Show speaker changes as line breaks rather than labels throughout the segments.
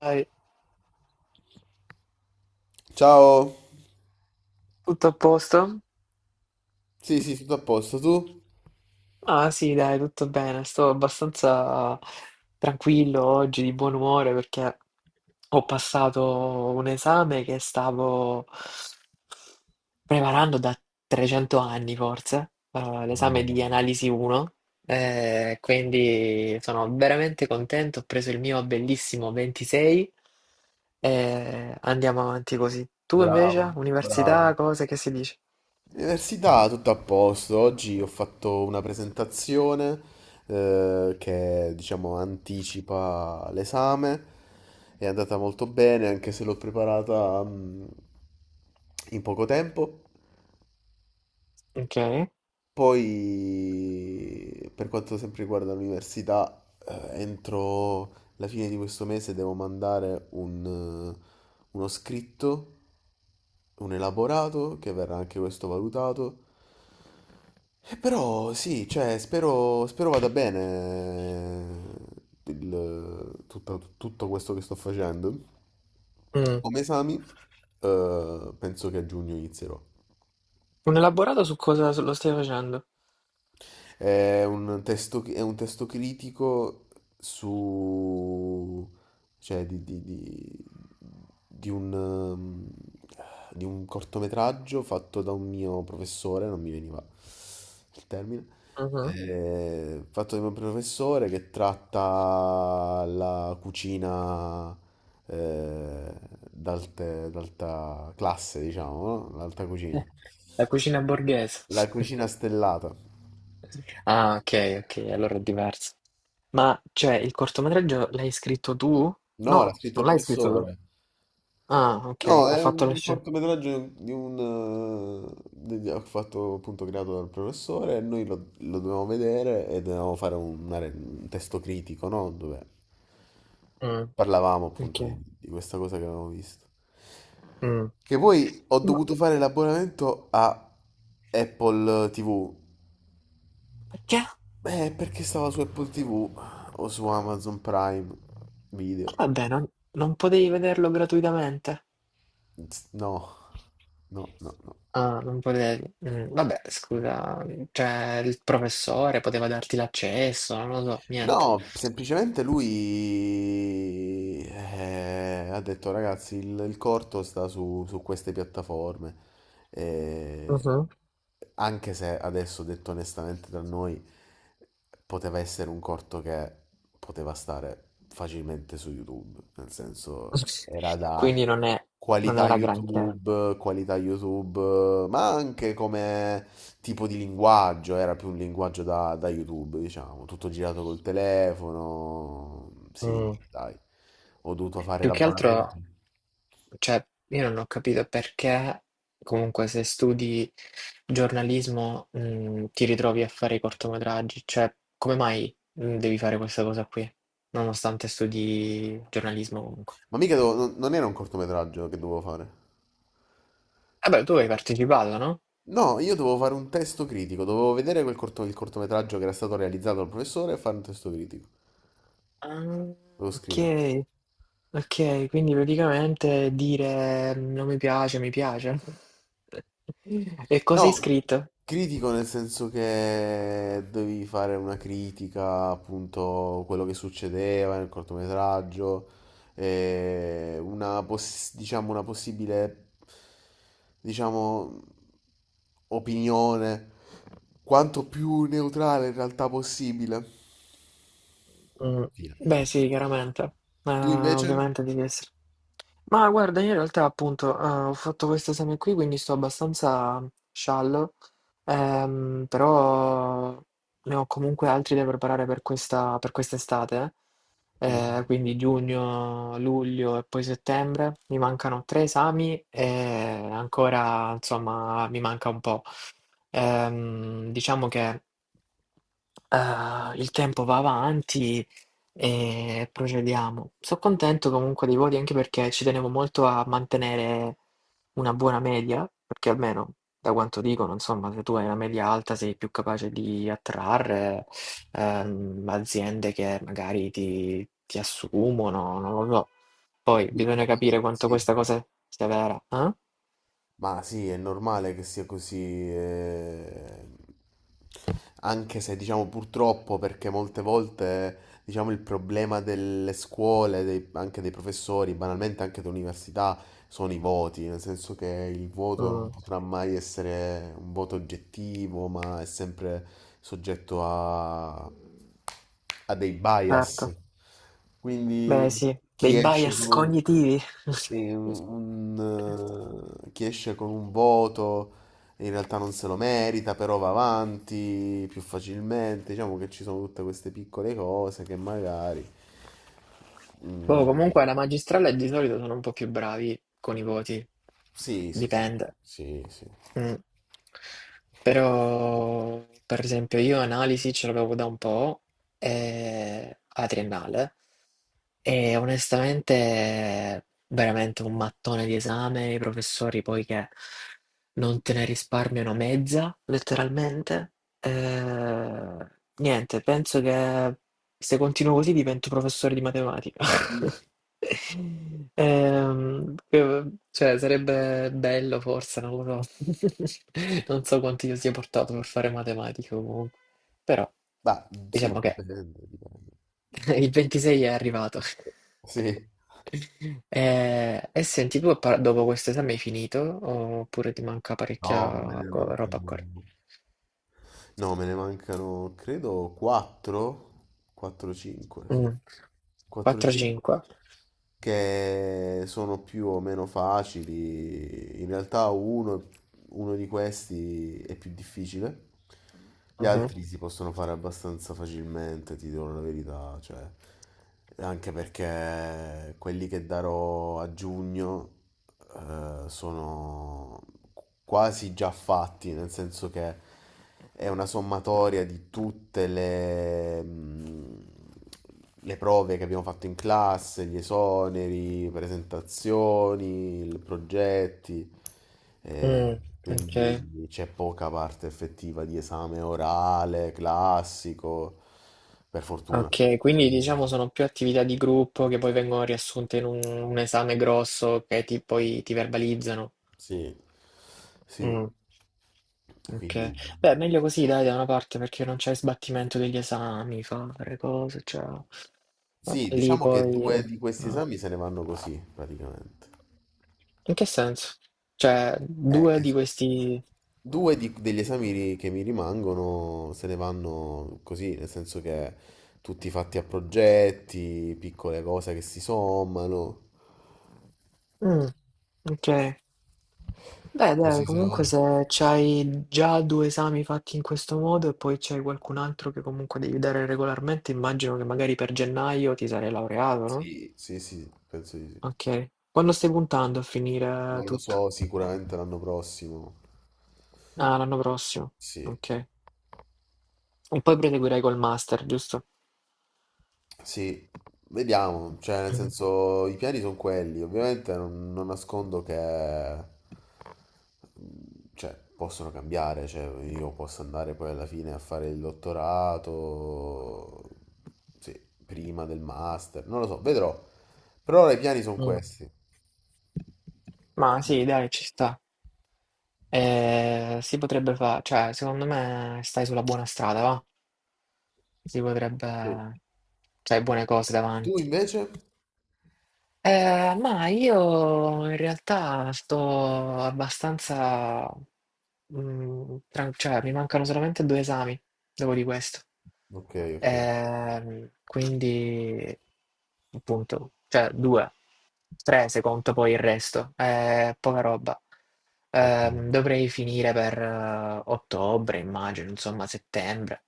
Dai,
Ciao.
tutto a posto?
Sì, sì, tutto a posto. Tu?
Ah sì, dai, tutto bene. Sto abbastanza tranquillo oggi, di buon umore, perché ho passato un esame che stavo preparando da 300 anni, forse, l'esame di analisi 1. Quindi sono veramente contento, ho preso il mio bellissimo 26 e andiamo avanti così. Tu invece,
Bravo, bravo.
università, cose che si dice?
Università, tutto a posto. Oggi ho fatto una presentazione che, diciamo, anticipa l'esame. È andata molto bene, anche se l'ho preparata in poco tempo.
Ok.
Poi, per quanto sempre riguarda l'università, entro la fine di questo mese devo mandare un, uno scritto un elaborato che verrà anche questo valutato. E però sì, cioè, spero vada bene tutto questo che sto facendo. Come esami, penso che a giugno inizierò.
Un elaborato su cosa lo stai facendo?
È un testo critico su, cioè, di un, ehm, di un cortometraggio fatto da un mio professore, non mi veniva il termine,
Mhm.
fatto da un mio professore che tratta la cucina eh, d'alta classe, diciamo, no? L'alta
Eh,
cucina.
la cucina borghese.
La cucina stellata.
Ah, ok, ok, allora è diverso. Ma cioè, il cortometraggio l'hai scritto tu?
No, l'ha
No,
scritto
non
il
l'hai scritto tu.
professore.
Ah, ok,
No,
ha
è
fatto la
un
scena.
cortometraggio ho fatto appunto creato dal professore e noi lo dovevamo vedere e dovevamo fare un testo critico, no? Dove
Mm,
parlavamo appunto di,
ok.
di questa cosa che avevamo visto.
Mm.
Che poi ho
Ma
dovuto fare l'abbonamento a Apple TV.
perché?
Perché stava su Apple TV o su Amazon Prime Video?
Vabbè, non potevi vederlo gratuitamente?
No, no, no, no.
Ah, non potevi. Mm, vabbè, scusa, cioè il professore poteva darti l'accesso, non lo so, niente.
No, semplicemente lui ha detto ragazzi, il corto sta su queste piattaforme. Eh,
Mhm.
Anche se adesso detto onestamente da noi poteva essere un corto che poteva stare facilmente su YouTube, nel senso era da
Quindi non è, non
qualità
era granché.
YouTube, qualità YouTube, ma anche come tipo di linguaggio, era più un linguaggio da YouTube, diciamo, tutto girato col telefono. Sì,
Mm.
dai, ho dovuto fare
Più che
l'abbonamento.
altro. Cioè, io non ho capito perché, comunque, se studi giornalismo, ti ritrovi a fare i cortometraggi. Cioè, come mai, devi fare questa cosa qui, nonostante studi giornalismo comunque?
Ma mica non era un cortometraggio che dovevo fare.
Vabbè, tu hai partecipato, no?
No, io dovevo fare un testo critico, dovevo vedere quel il cortometraggio che era stato realizzato dal professore e fare un testo critico.
Ah,
Dovevo scrivere.
ok, ok, quindi praticamente dire "Mm, non mi piace, mi piace." E cosa hai
No,
scritto?
critico nel senso che dovevi fare una critica appunto quello che succedeva nel cortometraggio, e diciamo, una possibile, diciamo, opinione quanto più neutrale in realtà possibile.
Mm,
Fine.
beh, sì, chiaramente.
Tu
Ma
invece?
ovviamente devi essere. Ma guarda, io in realtà appunto, ho fatto questo esame qui, quindi sto abbastanza sciallo, però ne ho comunque altri da preparare per questa per quest'estate,
Mhm.
quindi giugno, luglio e poi settembre. Mi mancano 3 esami e ancora, insomma, mi manca un po'. Diciamo che, il tempo va avanti. E procediamo. Sono contento comunque dei voti anche perché ci tenevo molto a mantenere una buona media, perché almeno da quanto dicono, insomma, se tu hai una media alta sei più capace di attrarre aziende che magari ti assumono, non lo so. Poi
Sì,
bisogna
ovviamente
capire quanto
sì.
questa cosa sia vera, eh?
Ma sì, è normale che sia così, eh. Anche se diciamo purtroppo perché molte volte diciamo il problema delle scuole, anche dei professori, banalmente anche dell'università, sono i voti, nel senso che il voto non
Mm,
potrà mai essere un voto oggettivo, ma è sempre soggetto a dei
certo.
bias.
Beh,
Quindi
sì, dei
chi esce
bias
con un,
cognitivi.
chi esce con un voto in realtà non se lo merita, però va avanti più facilmente. Diciamo che ci sono tutte queste piccole cose che magari
Boh,
mm,
comunque alla magistrale di solito sono un po' più bravi con i voti,
sì, sì, sì,
dipende.
sì, sì.
Mm. Però, per esempio, io analisi ce l'avevo da un po' alla triennale e onestamente veramente un mattone di esame, i professori poi che non te ne risparmiano mezza, letteralmente. Eh, niente, penso che se continuo così divento professore di matematica.
Mm.
Ehm, eh, cioè, sarebbe bello forse, non lo so. Non so quanto io sia portato per fare matematica comunque. Però,
Bah, sì,
diciamo che
dipende, dipende.
il 26 è arrivato.
Sì,
E, senti, dopo questo esame hai finito oppure ti manca
no,
parecchia
beh, non
co- roba
credo.
ancora?
No, me ne mancano, credo, 4, 4-5, sì.
Mm.
4-5
4-5?
che sono più o meno facili. In realtà uno di questi è più difficile. Gli
Mhm.
altri si possono fare abbastanza facilmente, ti dirò la verità, cioè, anche perché quelli che darò a giugno sono quasi già fatti, nel senso che è una sommatoria di tutte le prove che abbiamo fatto in classe, gli esoneri, presentazioni, progetti, eh,
Mm, ok.
quindi c'è poca parte effettiva di esame orale, classico, per fortuna.
Ok, quindi diciamo sono più attività di gruppo che poi vengono riassunte in un esame grosso che ti, poi ti verbalizzano.
Sì, sì,
Mm,
quindi
ok, beh, meglio così dai da una parte perché non c'è sbattimento degli esami, fare cose, cioè eh,
sì,
lì
diciamo che
poi...
due
eh,
di questi esami se ne vanno così praticamente.
In che senso? Cioè,
Eh,
due
che...
di questi...
degli esami che mi rimangono se ne vanno così, nel senso che tutti fatti a progetti, piccole cose che si sommano.
Mm, ok. Beh, dai,
Così se ne però
comunque
vanno.
se c'hai già due esami fatti in questo modo e poi c'hai qualcun altro che comunque devi dare regolarmente, immagino che magari per gennaio ti sarei laureato, no?
Sì, sì, sì, penso di sì.
Ok. Quando stai puntando a finire
Non lo so.
tutto?
Lo so sicuramente l'anno prossimo.
Ah, l'anno prossimo.
Sì.
Ok. E poi proseguirai col master, giusto?
Sì, vediamo, cioè nel
Mm.
senso i piani sono quelli, ovviamente non nascondo che mm, cioè, possono cambiare, cioè io posso andare poi alla fine a fare il dottorato, sì, prima del master, non lo so, vedrò, per ora i piani sono
Mm.
questi,
Ma
quindi
sì, dai, ci sta.
sì.
Si potrebbe fare, cioè, secondo me stai sulla buona strada, va? Si
Sì.
potrebbe... C'hai buone cose
Tu
davanti.
invece?
Ma io in realtà sto abbastanza... cioè, mi mancano solamente 2 esami dopo di questo.
Ok, ok,
Quindi, appunto, cioè due. Tre, se conto poi il resto. Poca roba.
ok,
Dovrei finire per ottobre, immagino, insomma, settembre.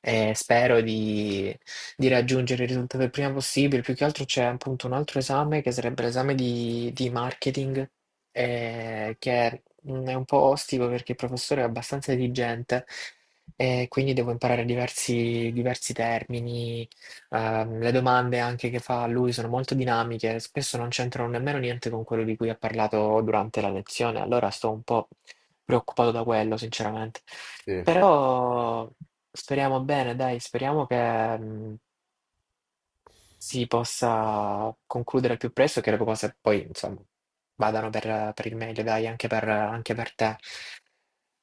E spero di raggiungere il risultato il prima possibile. Più che altro c'è appunto un altro esame che sarebbe l'esame di marketing, che mm, è un po' ostico perché il professore è abbastanza esigente e quindi devo imparare diversi termini. Le domande anche che fa a lui sono molto dinamiche, spesso non c'entrano nemmeno niente con quello di cui ha parlato durante la lezione, allora sto un po' preoccupato da quello, sinceramente.
sì.
Però speriamo bene, dai, speriamo che si possa concludere al più presto e che le cose poi, insomma, vadano per il meglio, dai, anche anche per te.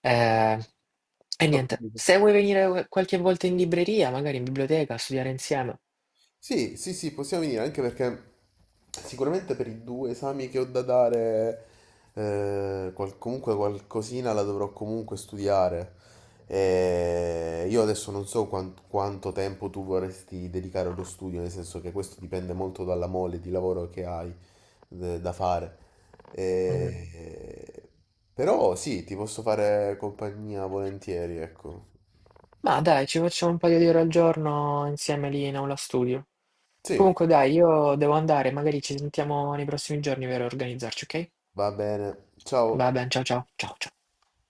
Eh, e
L'ho
niente,
capito.
se vuoi venire qualche volta in libreria, magari in biblioteca, a studiare insieme.
Sì, sì, sì, possiamo venire, anche perché sicuramente per i due esami che ho da dare, comunque qualcosina la dovrò comunque studiare. E io adesso non so quanto tempo tu vorresti dedicare allo studio, nel senso che questo dipende molto dalla mole di lavoro che hai da fare.
Mm.
E- Però sì, ti posso fare compagnia volentieri, ecco.
Ma dai, ci facciamo un paio di ore al giorno insieme lì in aula studio.
Sì,
Comunque dai, io devo andare, magari ci sentiamo nei prossimi giorni per organizzarci, ok?
va bene.
Va
Ciao.
bene, ciao ciao, ciao ciao.